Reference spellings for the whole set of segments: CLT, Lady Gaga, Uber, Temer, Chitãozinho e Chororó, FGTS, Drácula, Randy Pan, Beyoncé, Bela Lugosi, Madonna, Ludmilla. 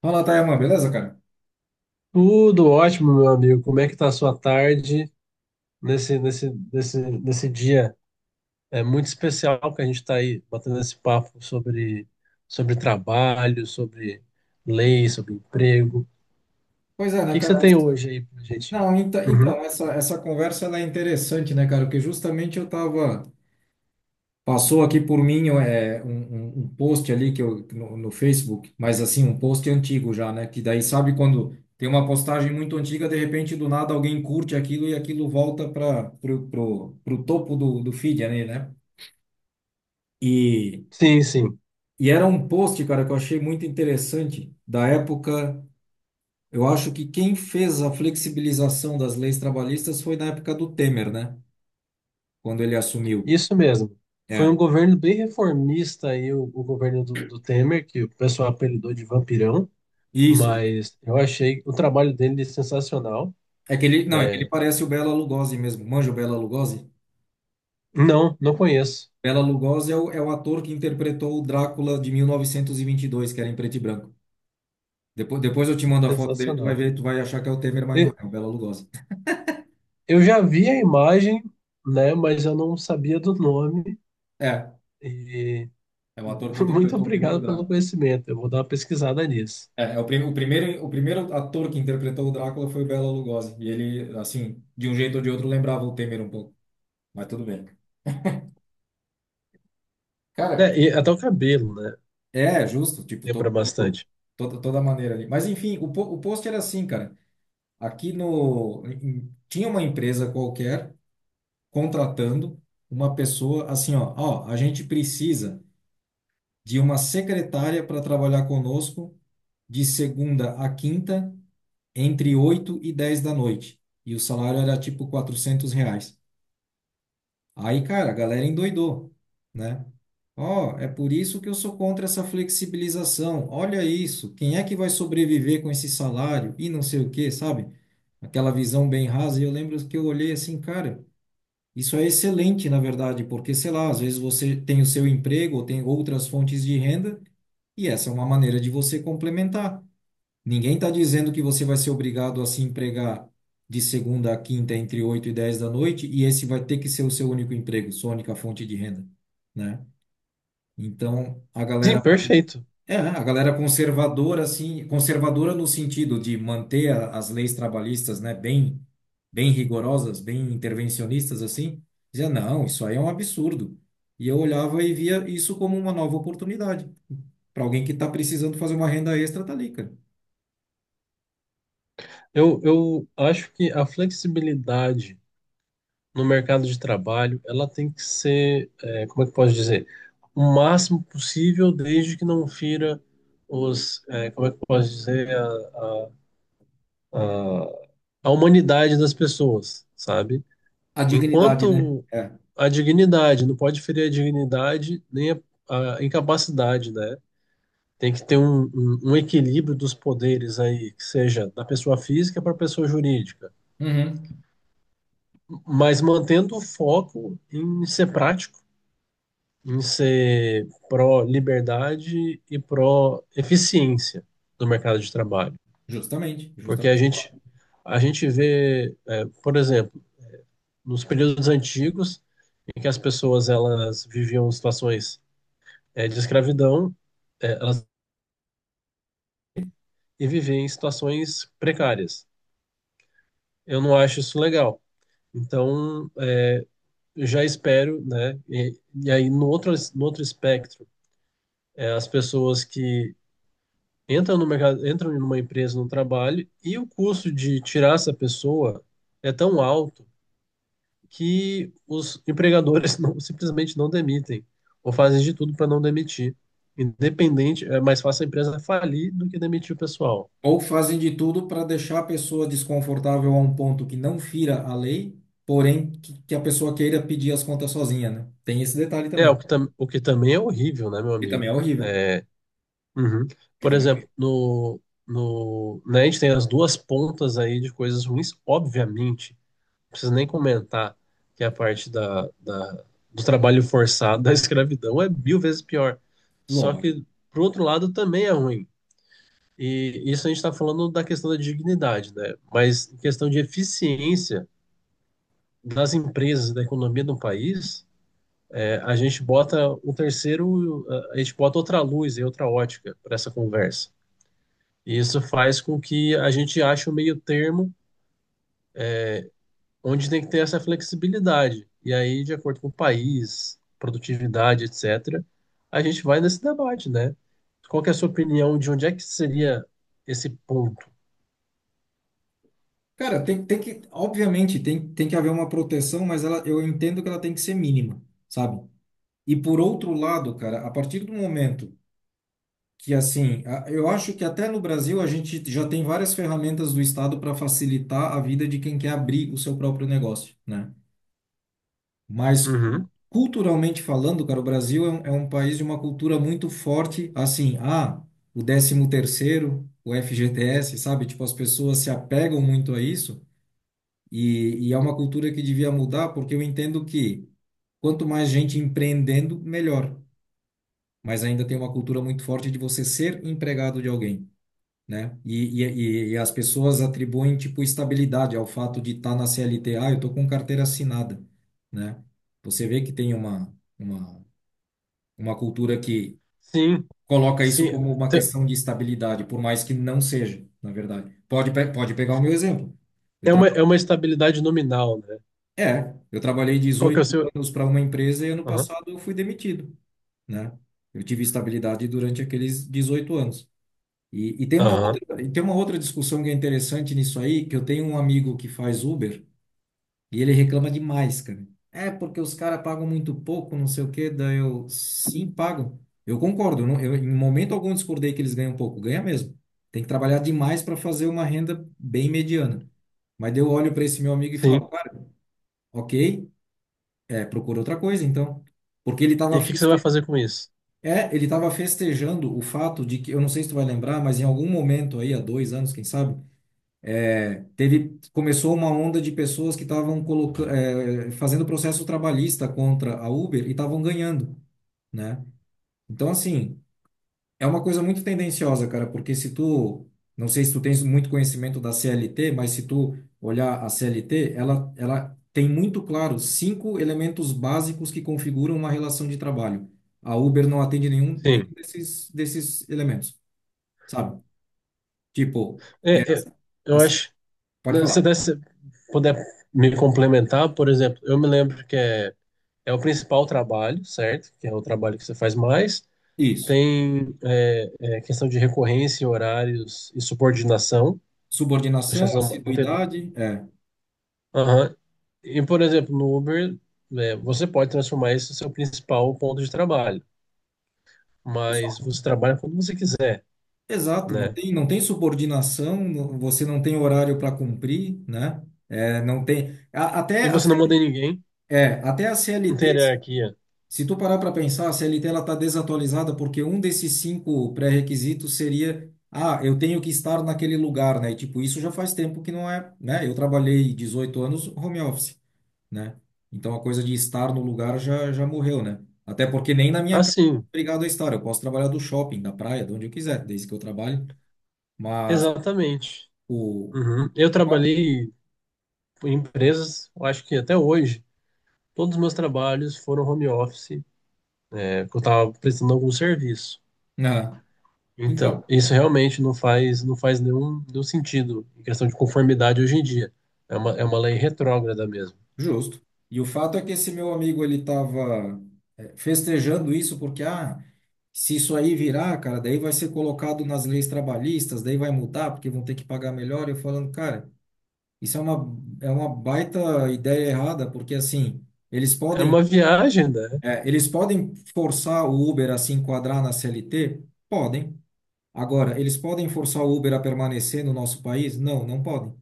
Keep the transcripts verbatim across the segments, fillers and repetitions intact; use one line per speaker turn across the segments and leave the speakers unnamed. Fala, Tayaman, beleza, cara?
Tudo ótimo, meu amigo. Como é que tá a sua tarde nesse, nesse, nesse, nesse dia? É muito especial que a gente está aí batendo esse papo sobre, sobre trabalho, sobre lei, sobre emprego. O
Pois é, né,
que que você
cara?
tem hoje aí pra gente?
Não, então, então
Uhum.
essa, essa conversa ela é interessante, né, cara? Porque justamente eu tava. Passou aqui por mim é, um, um- um post ali que eu, no, no Facebook, mas assim, um post antigo já, né? Que daí sabe quando tem uma postagem muito antiga, de repente do nada alguém curte aquilo e aquilo volta para pro, pro, pro topo do, do feed ali, né? E,
Sim, sim.
e era um post, cara, que eu achei muito interessante da época. Eu acho que quem fez a flexibilização das leis trabalhistas foi na época do Temer, né? Quando ele assumiu.
Isso mesmo. Foi um
É,
governo bem reformista aí, o, o governo do, do Temer, que o pessoal apelidou de vampirão,
isso.
mas eu achei o trabalho dele sensacional.
É que ele, não, é que ele
É,
parece o Bela Lugosi mesmo. Manja o Bela Lugosi?
não, não conheço.
Bela Lugosi é o, é o ator que interpretou o Drácula de mil novecentos e vinte e dois, que era em preto e branco. Depois, depois eu te mando a foto dele, tu vai
Sensacional.
ver, tu vai achar que é o Temer, mas não,
E-
é é o Bela Lugosi.
Eu já vi a imagem, né, mas eu não sabia do nome.
É,
E
é o ator que
muito
interpretou o primeiro
obrigado pelo
Drácula.
conhecimento. Eu vou dar uma pesquisada nisso.
É, é o, prim, o primeiro, o primeiro ator que interpretou o Drácula foi o Bela Lugosi. E ele, assim, de um jeito ou de outro, lembrava o Temer um pouco. Mas tudo bem. Cara,
Né, e até o cabelo, né?
é justo, tipo, to-
Lembra
to-
bastante.
toda, toda maneira ali. Mas enfim, o, po- o post era assim, cara. Aqui no. em- em- Tinha uma empresa qualquer contratando uma pessoa assim, ó. Ó, a gente precisa de uma secretária para trabalhar conosco de segunda a quinta, entre oito e dez da noite. E o salário era tipo quatrocentos reais. Aí, cara, a galera endoidou, né? Ó, é por isso que eu sou contra essa flexibilização. Olha isso, quem é que vai sobreviver com esse salário e não sei o quê, sabe? Aquela visão bem rasa. E eu lembro que eu olhei assim, cara, isso é excelente, na verdade, porque, sei lá, às vezes você tem o seu emprego ou tem outras fontes de renda e essa é uma maneira de você complementar. Ninguém está dizendo que você vai ser obrigado a se empregar de segunda a quinta entre oito e dez da noite e esse vai ter que ser o seu único emprego, sua única fonte de renda, né? Então, a
Sim,
galera,
perfeito.
é, a galera conservadora assim, conservadora no sentido de manter a- as leis trabalhistas, né, bem bem rigorosas, bem intervencionistas assim, dizia, não, isso aí é um absurdo. E eu olhava e via isso como uma nova oportunidade para alguém que está precisando fazer uma renda extra, tá ali, cara.
Eu, eu acho que a flexibilidade no mercado de trabalho, ela tem que ser, é, como é que eu posso dizer? O máximo possível, desde que não fira os, é, como é que eu posso dizer, a, a, a a humanidade das pessoas, sabe?
A dignidade, né?
Enquanto
É.
a dignidade, não pode ferir a dignidade nem a, a incapacidade, né? Tem que ter um, um, um equilíbrio dos poderes aí, que seja da pessoa física para a pessoa jurídica,
Uhum.
mas mantendo o foco em ser prático, em ser pró-liberdade e pró-eficiência do mercado de trabalho.
Justamente,
Porque a
justamente.
gente, a gente vê, é, por exemplo, nos períodos antigos, em que as pessoas elas viviam situações é, de escravidão é, elas, e viver em situações precárias. Eu não acho isso legal. Então, é, eu já espero, né? E, e aí, no outro, no outro espectro, é, as pessoas que entram no mercado, entram em uma empresa, no trabalho, e o custo de tirar essa pessoa é tão alto que os empregadores não, simplesmente não demitem, ou fazem de tudo para não demitir. Independente, é mais fácil a empresa falir do que demitir o pessoal.
Ou fazem de tudo para deixar a pessoa desconfortável a um ponto que não fira a lei, porém que, que a pessoa queira pedir as contas sozinha, né? Tem esse detalhe
É,
também,
o que, tam, o que também é horrível, né, meu
que
amigo?
também é horrível,
É, uhum.
que
Por
também é
exemplo,
horrível.
no, no, né, a gente tem as duas pontas aí de coisas ruins, obviamente, não precisa nem comentar que é a parte da, da- do trabalho forçado, da escravidão, é mil vezes pior. Só
Lógico.
que, por outro lado, também é ruim. E isso a gente está falando da questão da dignidade, né? Mas em questão de eficiência das empresas, e da economia do país. A gente bota um terceiro, a gente bota outra luz e outra ótica para essa conversa. E isso faz com que a gente ache um meio termo onde tem que ter essa flexibilidade. E aí, de acordo com o país, produtividade, etcétera, a gente vai nesse debate, né? Qual que é a sua opinião de onde é que seria esse ponto?
Cara, tem, tem que, obviamente, tem, tem que haver uma proteção, mas ela, eu entendo que ela tem que ser mínima, sabe? E por outro lado, cara, a partir do momento que assim, a- eu acho que até no Brasil a gente já tem várias ferramentas do Estado para facilitar a vida de quem quer abrir o seu próprio negócio, né? Mas
Uhum.
culturalmente falando, cara, o Brasil é um, é um país de uma cultura muito forte, assim, ah, o décimo terceiro, o F G T S, sabe? Tipo, as pessoas se apegam muito a isso e, e é uma cultura que devia mudar, porque eu entendo que quanto mais gente empreendendo, melhor. Mas ainda tem uma cultura muito forte de você ser empregado de alguém, né? E, e, e as pessoas atribuem, tipo, estabilidade ao fato de estar na C L T. Ah, eu tô com carteira assinada, né? Você vê que tem uma, uma, uma cultura que
Sim,
coloca isso
sim.
como uma
Te-
questão de estabilidade, por mais que não seja, na verdade. Pode, pe- pode pegar o meu exemplo. Eu
É
tra...
uma, é uma estabilidade nominal, né?
É, eu trabalhei
Qual que é o
dezoito
seu...
anos para uma empresa e ano
Aham,
passado eu fui demitido, né? Eu tive estabilidade durante aqueles dezoito anos. E, e tem uma
aham,
outra, e tem uma outra discussão que é interessante nisso aí, que eu tenho um amigo que faz Uber e ele reclama demais, cara. É porque os caras pagam muito pouco, não sei o quê, daí eu, sim, pagam. Eu concordo, eu não, eu, em momento algum discordei que eles ganham pouco, ganha mesmo. Tem que trabalhar demais para fazer uma renda bem mediana. Mas daí eu olho para esse meu amigo e falo,
sim.
cara, ok, é, procura outra coisa então. Porque ele
E
estava
o que que você vai fazer com isso?
é, ele estava festejando o fato de que, eu não sei se tu vai lembrar, mas em algum momento aí, há dois anos, quem sabe, teve, começou uma onda de pessoas que estavam colocando, é, fazendo processo trabalhista contra a Uber e estavam ganhando, né? Então, assim, é uma coisa muito tendenciosa, cara, porque se tu, não sei se tu tens muito conhecimento da C L T, mas se tu olhar a C L T, ela, ela tem muito claro cinco elementos básicos que configuram uma relação de trabalho. A Uber não atende nenhum, nenhum
Sim.
desses, desses elementos, sabe? Tipo, que é,
É, é,
assim,
eu
assim,
acho.
pode
Né,
falar.
se puder me complementar, por exemplo, eu me lembro que é, é o principal trabalho, certo? Que é o trabalho que você faz mais.
Isso.
Tem é, é, questão de recorrência, horários e subordinação. Acho que
Subordinação,
essa é uma- botei du-
assiduidade, é.
Aham. E, por exemplo, no Uber, né, você pode transformar isso no seu principal ponto de trabalho, mas
Isso.
você trabalha quando você quiser,
Exato, não
né?
tem, não tem subordinação, não- você não tem horário para cumprir, né? É, não tem. a-
E
até a,
você não
C-
manda em ninguém,
é, até a
não tem
C L T, se
hierarquia.
se tu parar para pensar, a C L T ela está desatualizada porque um desses cinco pré-requisitos seria, ah, eu tenho que estar naquele lugar, né? E, tipo, isso já faz tempo que não é, né? Eu trabalhei dezoito anos home office, né? Então a coisa de estar no lugar já, já morreu, né? Até porque nem na minha casa eu sou
Assim,
obrigado a estar. Eu posso trabalhar do shopping, da praia, de onde eu quiser, desde que eu trabalhe. Mas
exatamente.
o.
Uhum. Eu
Ah,
trabalhei em empresas, eu acho que até hoje, todos os meus trabalhos foram home office, é, porque eu estava prestando algum serviço.
né?
Então,
Então,
isso realmente não faz, não faz nenhum, nenhum sentido em questão de conformidade hoje em dia. É uma, é uma lei retrógrada mesmo.
justo. E o fato é que esse meu amigo ele estava festejando isso porque, ah, se isso aí virar, cara, daí vai ser colocado nas leis trabalhistas, daí vai mudar porque vão ter que pagar melhor. Eu falando, cara, isso é uma, é uma baita ideia errada, porque assim. Eles
É
podem
uma viagem, né?
É, eles podem forçar o Uber a se enquadrar na C L T? Podem. Agora, eles podem forçar o Uber a permanecer no nosso país? Não, não podem.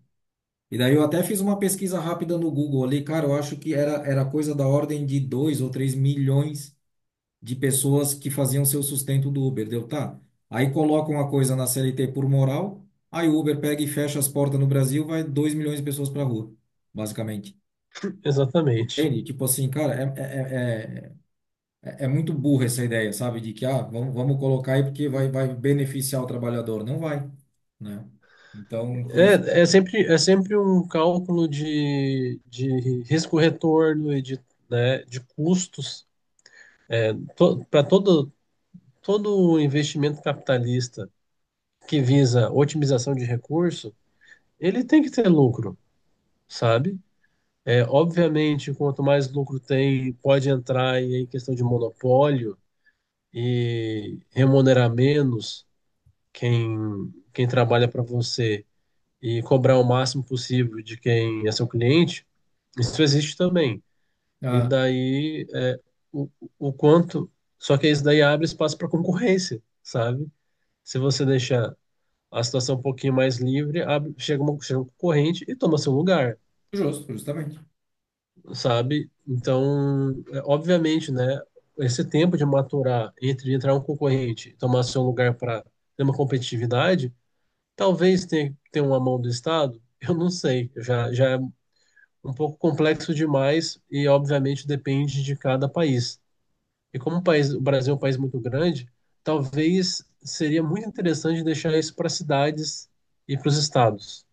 E daí eu até fiz uma pesquisa rápida no Google ali, cara, eu acho que era, era coisa da ordem de dois ou três milhões de pessoas que faziam seu sustento do Uber, deu tá? Aí colocam a coisa na C L T por moral, aí o Uber pega e fecha as portas no Brasil, vai dois milhões de pessoas pra rua, basicamente.
Exatamente.
Entende? Tipo assim, cara, é, é, é, é é, é muito burra essa ideia, sabe? De que, ah, vamos, vamos colocar aí porque vai, vai beneficiar o trabalhador. Não vai, né? Então, por isso que...
É,
eu-
é sempre, é sempre um cálculo de, de risco-retorno e de, né, de custos. To, para todo, todo investimento capitalista que visa otimização de recurso, ele tem que ter lucro, sabe? É, obviamente, quanto mais lucro tem, pode entrar em questão de monopólio e remunerar menos quem, quem trabalha para você e cobrar o máximo possível de quem é seu cliente. Isso existe também. E
Ah,
daí, é, o, o quanto. Só que isso daí abre espaço para concorrência, sabe? Se você deixar a situação um pouquinho mais livre, abre, chega, uma, chega um concorrente e toma seu lugar,
justo, justamente.
sabe? Então, é, obviamente, né, esse tempo de maturar entre entrar um concorrente e tomar seu lugar para ter uma competitividade, talvez tenha, tenha uma mão do Estado, eu não sei, já, já é um pouco complexo demais e, obviamente, depende de cada país. E como o, país, o Brasil é um país muito grande, talvez seria muito interessante deixar isso para cidades e para os estados.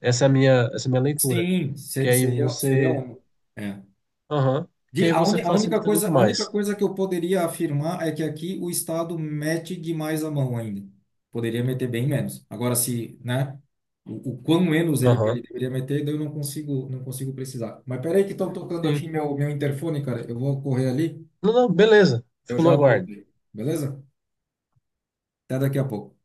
Essa é a minha, essa é a minha leitura.
Sim,
Que
ser-
aí
seria, seria
você.
um. É.
Aham. Que
De,
aí
a,
você
uni- a única
facilita
coisa,
muito
a única
mais.
coisa que eu poderia afirmar é que aqui o Estado mete demais a mão ainda. Poderia meter bem menos. Agora, se, né? O, o quão menos ele, ele
Aham.
deveria meter, daí eu não consigo, não consigo precisar. Mas peraí que estão tocando aqui
Sim.
meu, meu interfone, cara. Eu vou correr ali.
Não, não, beleza.
Eu
Fico no
já
aguardo.
voltei. Beleza? Até daqui a pouco.